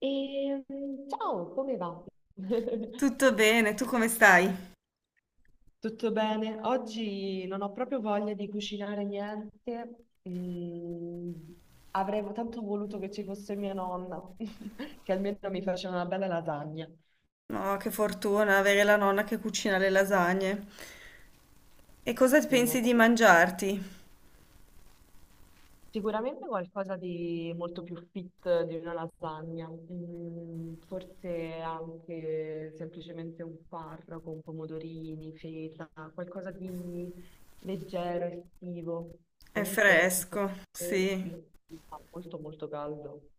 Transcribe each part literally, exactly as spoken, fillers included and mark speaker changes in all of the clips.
Speaker 1: E mm, ciao, come va?
Speaker 2: Tutto bene, tu come stai?
Speaker 1: Tutto bene? Oggi non ho proprio voglia di cucinare niente. Mm, avrei tanto voluto che ci fosse mia nonna, che almeno mi faceva una bella lasagna.
Speaker 2: No, che fortuna avere la nonna che cucina le lasagne. E cosa
Speaker 1: Sì, mi è
Speaker 2: pensi di mangiarti?
Speaker 1: Sicuramente qualcosa di molto più fit di una lasagna. Mm, forse anche semplicemente un farro con pomodorini, feta, qualcosa di leggero, estivo.
Speaker 2: È
Speaker 1: Comunque, in questi
Speaker 2: fresco, sì.
Speaker 1: giorni fa molto molto caldo.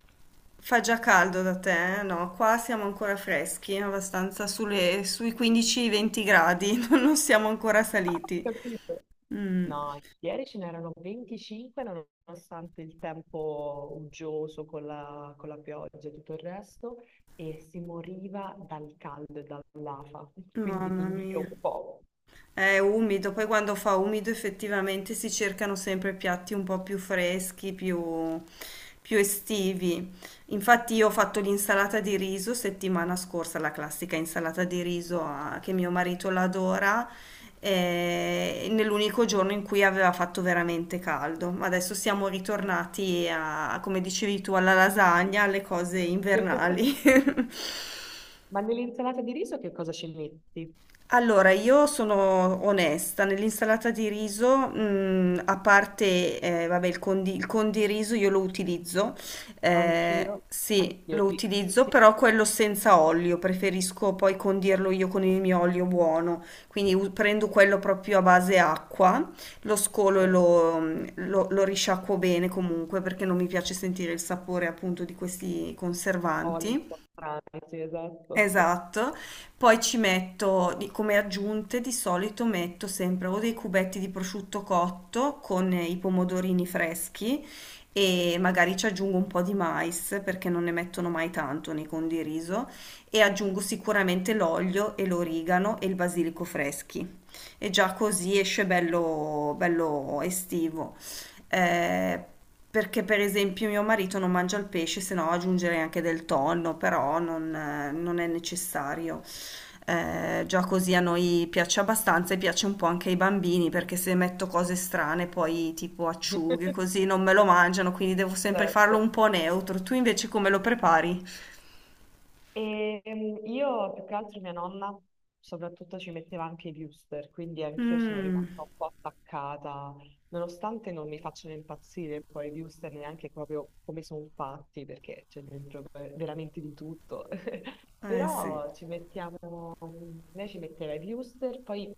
Speaker 2: Fa già caldo da te, eh? No, qua siamo ancora freschi, abbastanza sulle- sui quindici venti gradi, non siamo ancora saliti.
Speaker 1: Capito?
Speaker 2: Mm,
Speaker 1: No, ieri ce n'erano venticinque, nonostante il tempo uggioso con la, con la pioggia e tutto il resto, e si moriva dal caldo e dall'afa, quindi ti
Speaker 2: mamma
Speaker 1: invidio
Speaker 2: mia.
Speaker 1: un po'.
Speaker 2: È umido, poi quando fa umido effettivamente si cercano sempre piatti un po' più freschi, più, più estivi. Infatti io ho fatto l'insalata di riso settimana scorsa, la classica insalata di riso, ah, che mio marito l'adora, eh, nell'unico giorno in cui aveva fatto veramente caldo. Ma adesso siamo ritornati a, come dicevi tu, alla lasagna, alle cose invernali.
Speaker 1: Ma nell'insalata di riso che cosa ci metti?
Speaker 2: Allora, io sono onesta, nell'insalata di riso, mm, a parte, eh, vabbè, il condi, il condiriso io lo utilizzo, eh,
Speaker 1: Anch'io,
Speaker 2: sì,
Speaker 1: anch'io,
Speaker 2: lo
Speaker 1: sì, sì,
Speaker 2: utilizzo,
Speaker 1: sì.
Speaker 2: però quello senza olio, preferisco poi
Speaker 1: Ah,
Speaker 2: condirlo io con il mio olio buono, quindi u- prendo quello proprio a base acqua, lo scolo e
Speaker 1: certo.
Speaker 2: lo, mm, lo, lo risciacquo bene comunque, perché non mi piace sentire il sapore appunto di questi
Speaker 1: Oli un
Speaker 2: conservanti.
Speaker 1: po' strani, sì, esatto.
Speaker 2: Esatto, poi ci metto di- come aggiunte di solito metto sempre o dei cubetti di prosciutto cotto con i pomodorini freschi e magari ci aggiungo un po' di mais perché non ne mettono mai tanto nei condiriso, e aggiungo sicuramente l'olio e l'origano e il basilico freschi, e già così esce bello, bello estivo. Eh, perché per esempio mio marito non mangia il pesce, se no aggiungerei anche del tonno, però non, eh, non è necessario. Eh, già così a noi piace abbastanza e piace un po' anche ai bambini, perché se metto cose strane, poi tipo acciughe, così non me lo mangiano, quindi devo sempre farlo
Speaker 1: Certo.
Speaker 2: un po' neutro. Tu invece come lo prepari?
Speaker 1: E ehm, io più che altro mia nonna soprattutto ci metteva anche i booster, quindi anch'io sono
Speaker 2: Mm,
Speaker 1: rimasta un po' attaccata, nonostante non mi facciano impazzire poi i booster neanche proprio come sono fatti, perché c'è dentro ver- veramente di tutto.
Speaker 2: eh sì.
Speaker 1: Però ci mettiamo, lei ci metteva i wuster, poi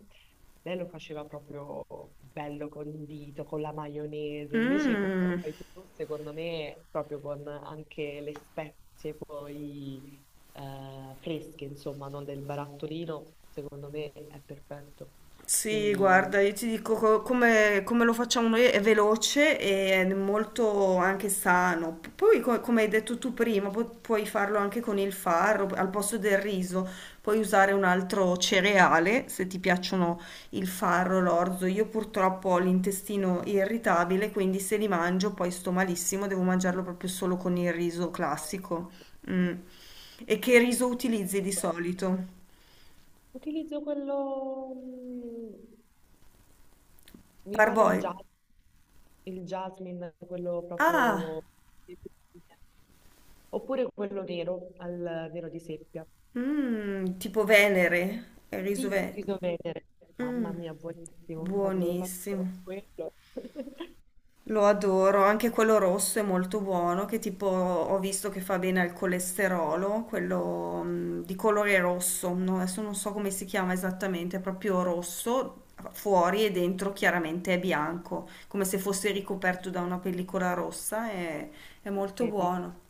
Speaker 1: lei lo faceva proprio bello condito, con la maionese. Invece, come lo
Speaker 2: Mm.
Speaker 1: fai tu, secondo me, proprio con anche le spezie poi eh, fresche, insomma, non del barattolino, secondo me è perfetto.
Speaker 2: Sì,
Speaker 1: Quindi
Speaker 2: guarda, io ti dico co- come, come lo facciamo noi è veloce e è molto anche sano. P- Poi, co- come hai detto tu prima, pu- puoi farlo anche con il farro al posto del riso. Puoi usare un altro cereale se ti piacciono il farro, l'orzo. Io purtroppo ho l'intestino irritabile, quindi se li mangio poi sto malissimo, devo mangiarlo proprio solo con il riso classico.
Speaker 1: ah,
Speaker 2: Mm. E che riso utilizzi di solito?
Speaker 1: utilizzo quello, mm, mi pare il
Speaker 2: Parboil.
Speaker 1: jasmine, il jasmine, quello
Speaker 2: Ah!
Speaker 1: proprio... Oppure quello nero al vero di seppia.
Speaker 2: Mm, tipo Venere, il riso
Speaker 1: Sì,
Speaker 2: ve-
Speaker 1: riso Venere. Mamma
Speaker 2: Mm,
Speaker 1: mia, buonissimo quando lo faccio con
Speaker 2: buonissimo.
Speaker 1: quello.
Speaker 2: Lo adoro, anche quello rosso è molto buono, che tipo ho visto che fa bene al colesterolo, quello, mm, di colore rosso, no, adesso non so come si chiama esattamente, è proprio rosso fuori e dentro chiaramente è bianco, come se fosse ricoperto da una pellicola rossa, è, è molto
Speaker 1: Vedi,
Speaker 2: buono.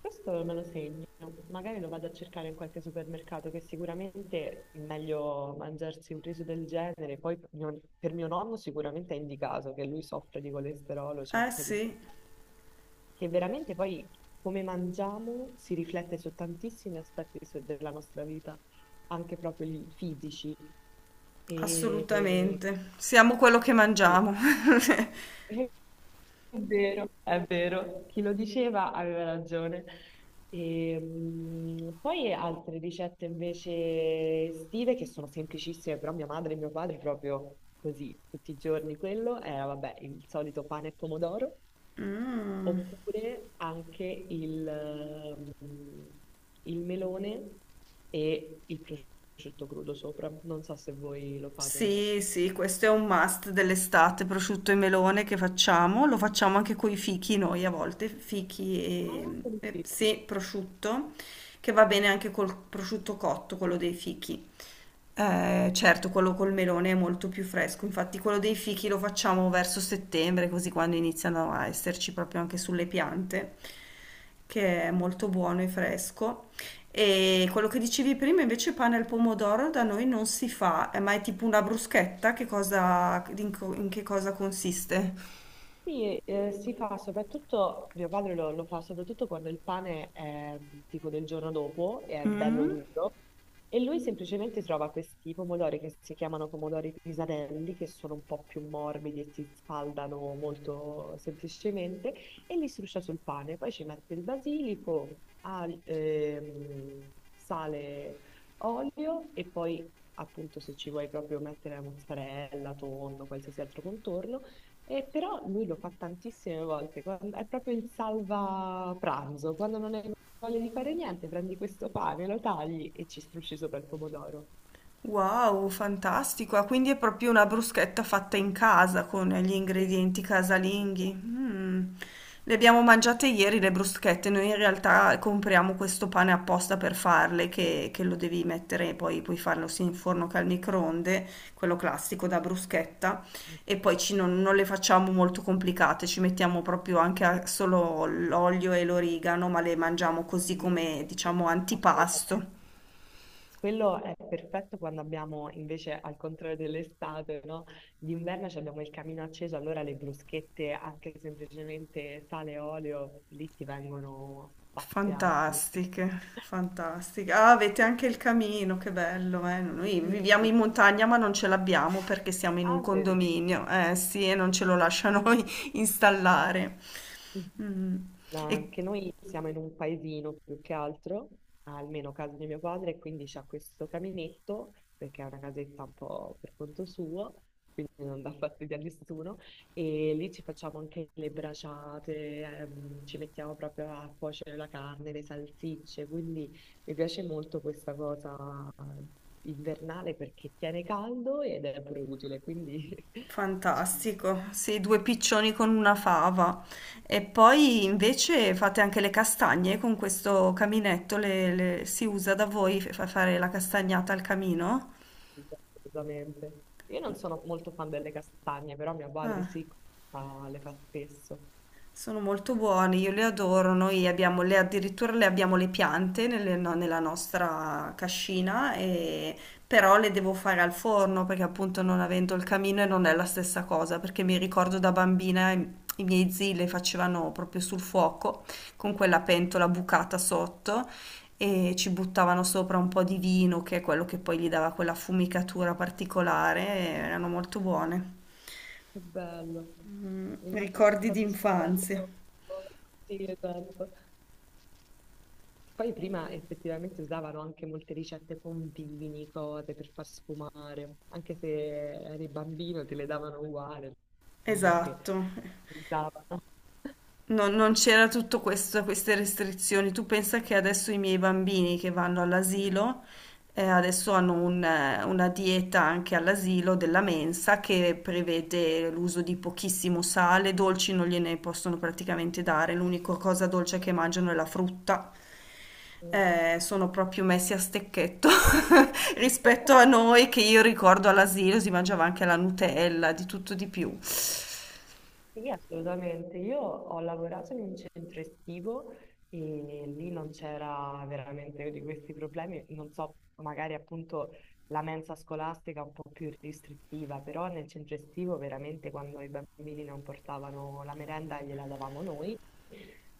Speaker 1: questo me lo segno. Magari lo vado a cercare in qualche supermercato, che sicuramente è meglio mangiarsi un riso del genere. Poi mio- per mio nonno sicuramente è indicato, che lui soffre di colesterolo, c'ha
Speaker 2: Eh
Speaker 1: un po' di...
Speaker 2: sì,
Speaker 1: Che veramente poi come mangiamo si riflette su tantissimi aspetti su- della nostra vita, anche proprio i fisici. E
Speaker 2: assolutamente. Siamo quello che
Speaker 1: quindi
Speaker 2: mangiamo.
Speaker 1: è vero, è vero, chi lo diceva aveva ragione. E, mm, poi altre ricette invece estive che sono semplicissime, però mia madre e mio padre proprio così, tutti i giorni quello era, vabbè, il solito pane e pomodoro, oppure anche il, mm, il melone e il prosciutto crudo sopra. Non so se voi lo fate.
Speaker 2: Sì, sì, questo è un must dell'estate, prosciutto e melone che facciamo, lo facciamo anche con i fichi noi a volte, fichi
Speaker 1: Ah,
Speaker 2: e, e-
Speaker 1: sì.
Speaker 2: sì, prosciutto, che va bene anche col prosciutto cotto, quello dei fichi. Eh, certo, quello col melone è molto più fresco, infatti quello dei fichi lo facciamo verso settembre, così quando iniziano a esserci proprio anche sulle piante, che è molto buono e fresco. E quello che dicevi prima invece pane al pomodoro da noi non si fa, eh, ma è tipo una bruschetta, che cosa, in, co- in che cosa consiste?
Speaker 1: Sì, eh, si fa soprattutto, mio padre lo, lo fa soprattutto quando il pane è tipo del giorno dopo e è bello
Speaker 2: Mm.
Speaker 1: duro, e lui semplicemente trova questi pomodori che si chiamano pomodori pisarelli, che sono un po' più morbidi e si sfaldano molto semplicemente, e li struscia sul pane, poi ci mette il basilico, al- ehm, sale, olio e poi appunto, se ci vuoi proprio mettere la mozzarella, tonno, qualsiasi altro contorno. E però lui lo fa tantissime volte, quan- è proprio il salva pranzo, quando non hai voglia di fare niente, prendi questo pane, lo tagli e ci strusci sopra il pomodoro.
Speaker 2: Wow, fantastico! Ah, quindi è proprio una bruschetta fatta in casa con gli
Speaker 1: Sì,
Speaker 2: ingredienti casalinghi. Mm. Le abbiamo mangiate ieri le bruschette, noi in realtà compriamo questo pane apposta per farle, che, che lo devi mettere, poi puoi farlo sia in forno che al microonde, quello classico da bruschetta, e poi ci- non, non le facciamo molto complicate, ci mettiamo proprio anche a- solo l'olio e l'origano, ma le mangiamo così
Speaker 1: sì,
Speaker 2: come,
Speaker 1: sì, sì,
Speaker 2: diciamo,
Speaker 1: assolutamente.
Speaker 2: antipasto.
Speaker 1: Quello è perfetto quando abbiamo invece, al contrario dell'estate, no? D'inverno ci abbiamo il camino acceso, allora le bruschette, anche semplicemente sale e olio, lì ti vengono spaziate.
Speaker 2: Fantastiche, fantastiche. Ah, avete anche il camino, che bello, eh. Noi
Speaker 1: Sì,
Speaker 2: viviamo
Speaker 1: sì.
Speaker 2: in montagna ma non ce l'abbiamo perché siamo in un
Speaker 1: Ah, vedi.
Speaker 2: condominio, eh sì, e non ce lo lasciano installare. Mm.
Speaker 1: No,
Speaker 2: E
Speaker 1: anche noi siamo in un paesino più che altro, almeno casa di mio padre, e quindi c'ha questo caminetto, perché è una casetta un po' per conto suo, quindi non dà fastidio a nessuno, e lì ci facciamo anche le braciate, ehm, ci mettiamo proprio a cuocere la carne, le salsicce, quindi mi piace molto questa cosa invernale perché tiene caldo ed è pure utile, quindi ci...
Speaker 2: fantastico, sì, due piccioni con una fava. E poi invece fate anche le castagne con questo caminetto, le- le- si usa da voi fa- fare la castagnata al camino?
Speaker 1: Assolutamente. Io non sono molto fan delle castagne, però mio padre
Speaker 2: Ah.
Speaker 1: sì, fa- le fa spesso.
Speaker 2: Sono molto buoni, io li adoro. Noi abbiamo le, addirittura le abbiamo le piante nelle- no- nella nostra cascina, e- però le devo fare al forno perché appunto non avendo il camino e non è la stessa cosa, perché mi ricordo da bambina i, i miei zii le facevano proprio sul fuoco con quella pentola bucata sotto e ci buttavano sopra un po' di vino, che è quello che poi gli dava quella fumicatura particolare, e erano molto buone.
Speaker 1: Che bello.
Speaker 2: Mm,
Speaker 1: Immagino
Speaker 2: ricordi di
Speaker 1: proprio sia un bel
Speaker 2: infanzia.
Speaker 1: ricordo. Sì, esatto. Poi prima effettivamente usavano anche molte ricette con vini, cose per far sfumare. Anche se eri bambino te le davano uguale, non è che
Speaker 2: Esatto.
Speaker 1: ti davano.
Speaker 2: Non, non c'era tutto questo, queste restrizioni. Tu pensa che adesso i miei bambini che vanno all'asilo, eh, adesso hanno un, eh, una dieta anche all'asilo della mensa che prevede l'uso di pochissimo sale, dolci non gliene possono praticamente dare, l'unica cosa dolce che mangiano è la frutta.
Speaker 1: Mhm.
Speaker 2: Eh, sono proprio messi a stecchetto rispetto a noi che io ricordo all'asilo si mangiava anche la Nutella, di tutto di più.
Speaker 1: Sì, assolutamente. Io ho lavorato in un centro estivo e lì non c'era veramente di questi problemi. Non so, magari appunto la mensa scolastica è un po' più restrittiva, però nel centro estivo veramente quando i bambini non portavano la merenda gliela davamo noi,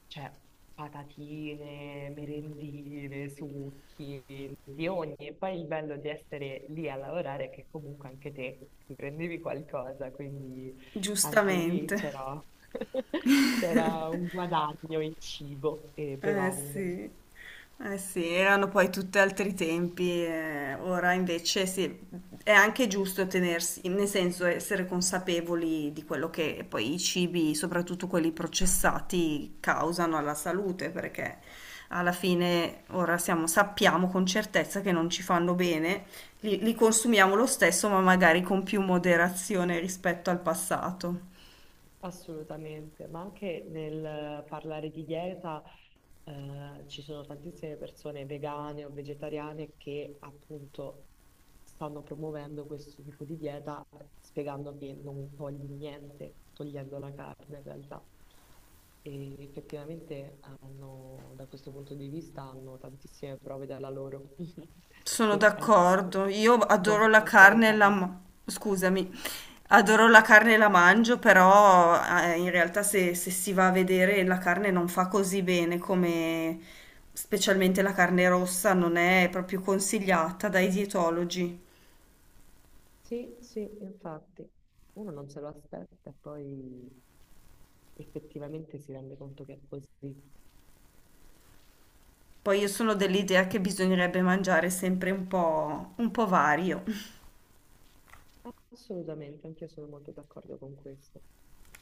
Speaker 1: cioè patatine, merendine, succhi, di ogni. E poi il bello di essere lì a lavorare è che comunque anche te ti prendevi qualcosa, quindi anche lì
Speaker 2: Giustamente.
Speaker 1: c'era c'era un guadagno in cibo e
Speaker 2: Eh
Speaker 1: bevande.
Speaker 2: sì, eh sì, erano poi tutti altri tempi, eh, ora invece sì, è anche giusto tenersi, nel senso essere consapevoli di quello che poi i cibi, soprattutto quelli processati, causano alla salute, perché alla fine ora siamo- sappiamo con certezza che non ci fanno bene, li li consumiamo lo stesso, ma magari con più moderazione rispetto al passato.
Speaker 1: Assolutamente, ma anche nel parlare di dieta, eh, ci sono tantissime persone vegane o vegetariane che appunto stanno promuovendo questo tipo di dieta, spiegando che non togli niente, togliendo la carne in realtà. E effettivamente hanno, da questo punto di vista hanno tantissime prove dalla loro,
Speaker 2: Sono
Speaker 1: che è meglio
Speaker 2: d'accordo, io
Speaker 1: non
Speaker 2: adoro la
Speaker 1: mangiare
Speaker 2: carne e la...
Speaker 1: carne.
Speaker 2: ma- scusami, adoro la carne e la mangio, però eh, in realtà se, se si va a vedere la carne non fa così bene come specialmente la carne rossa non è proprio consigliata dai dietologi.
Speaker 1: Sì, sì, infatti, uno non se lo aspetta e poi effettivamente si rende conto che è così.
Speaker 2: Poi io sono dell'idea che bisognerebbe mangiare sempre un po', un po' vario.
Speaker 1: Assolutamente, anch'io sono molto d'accordo con questo.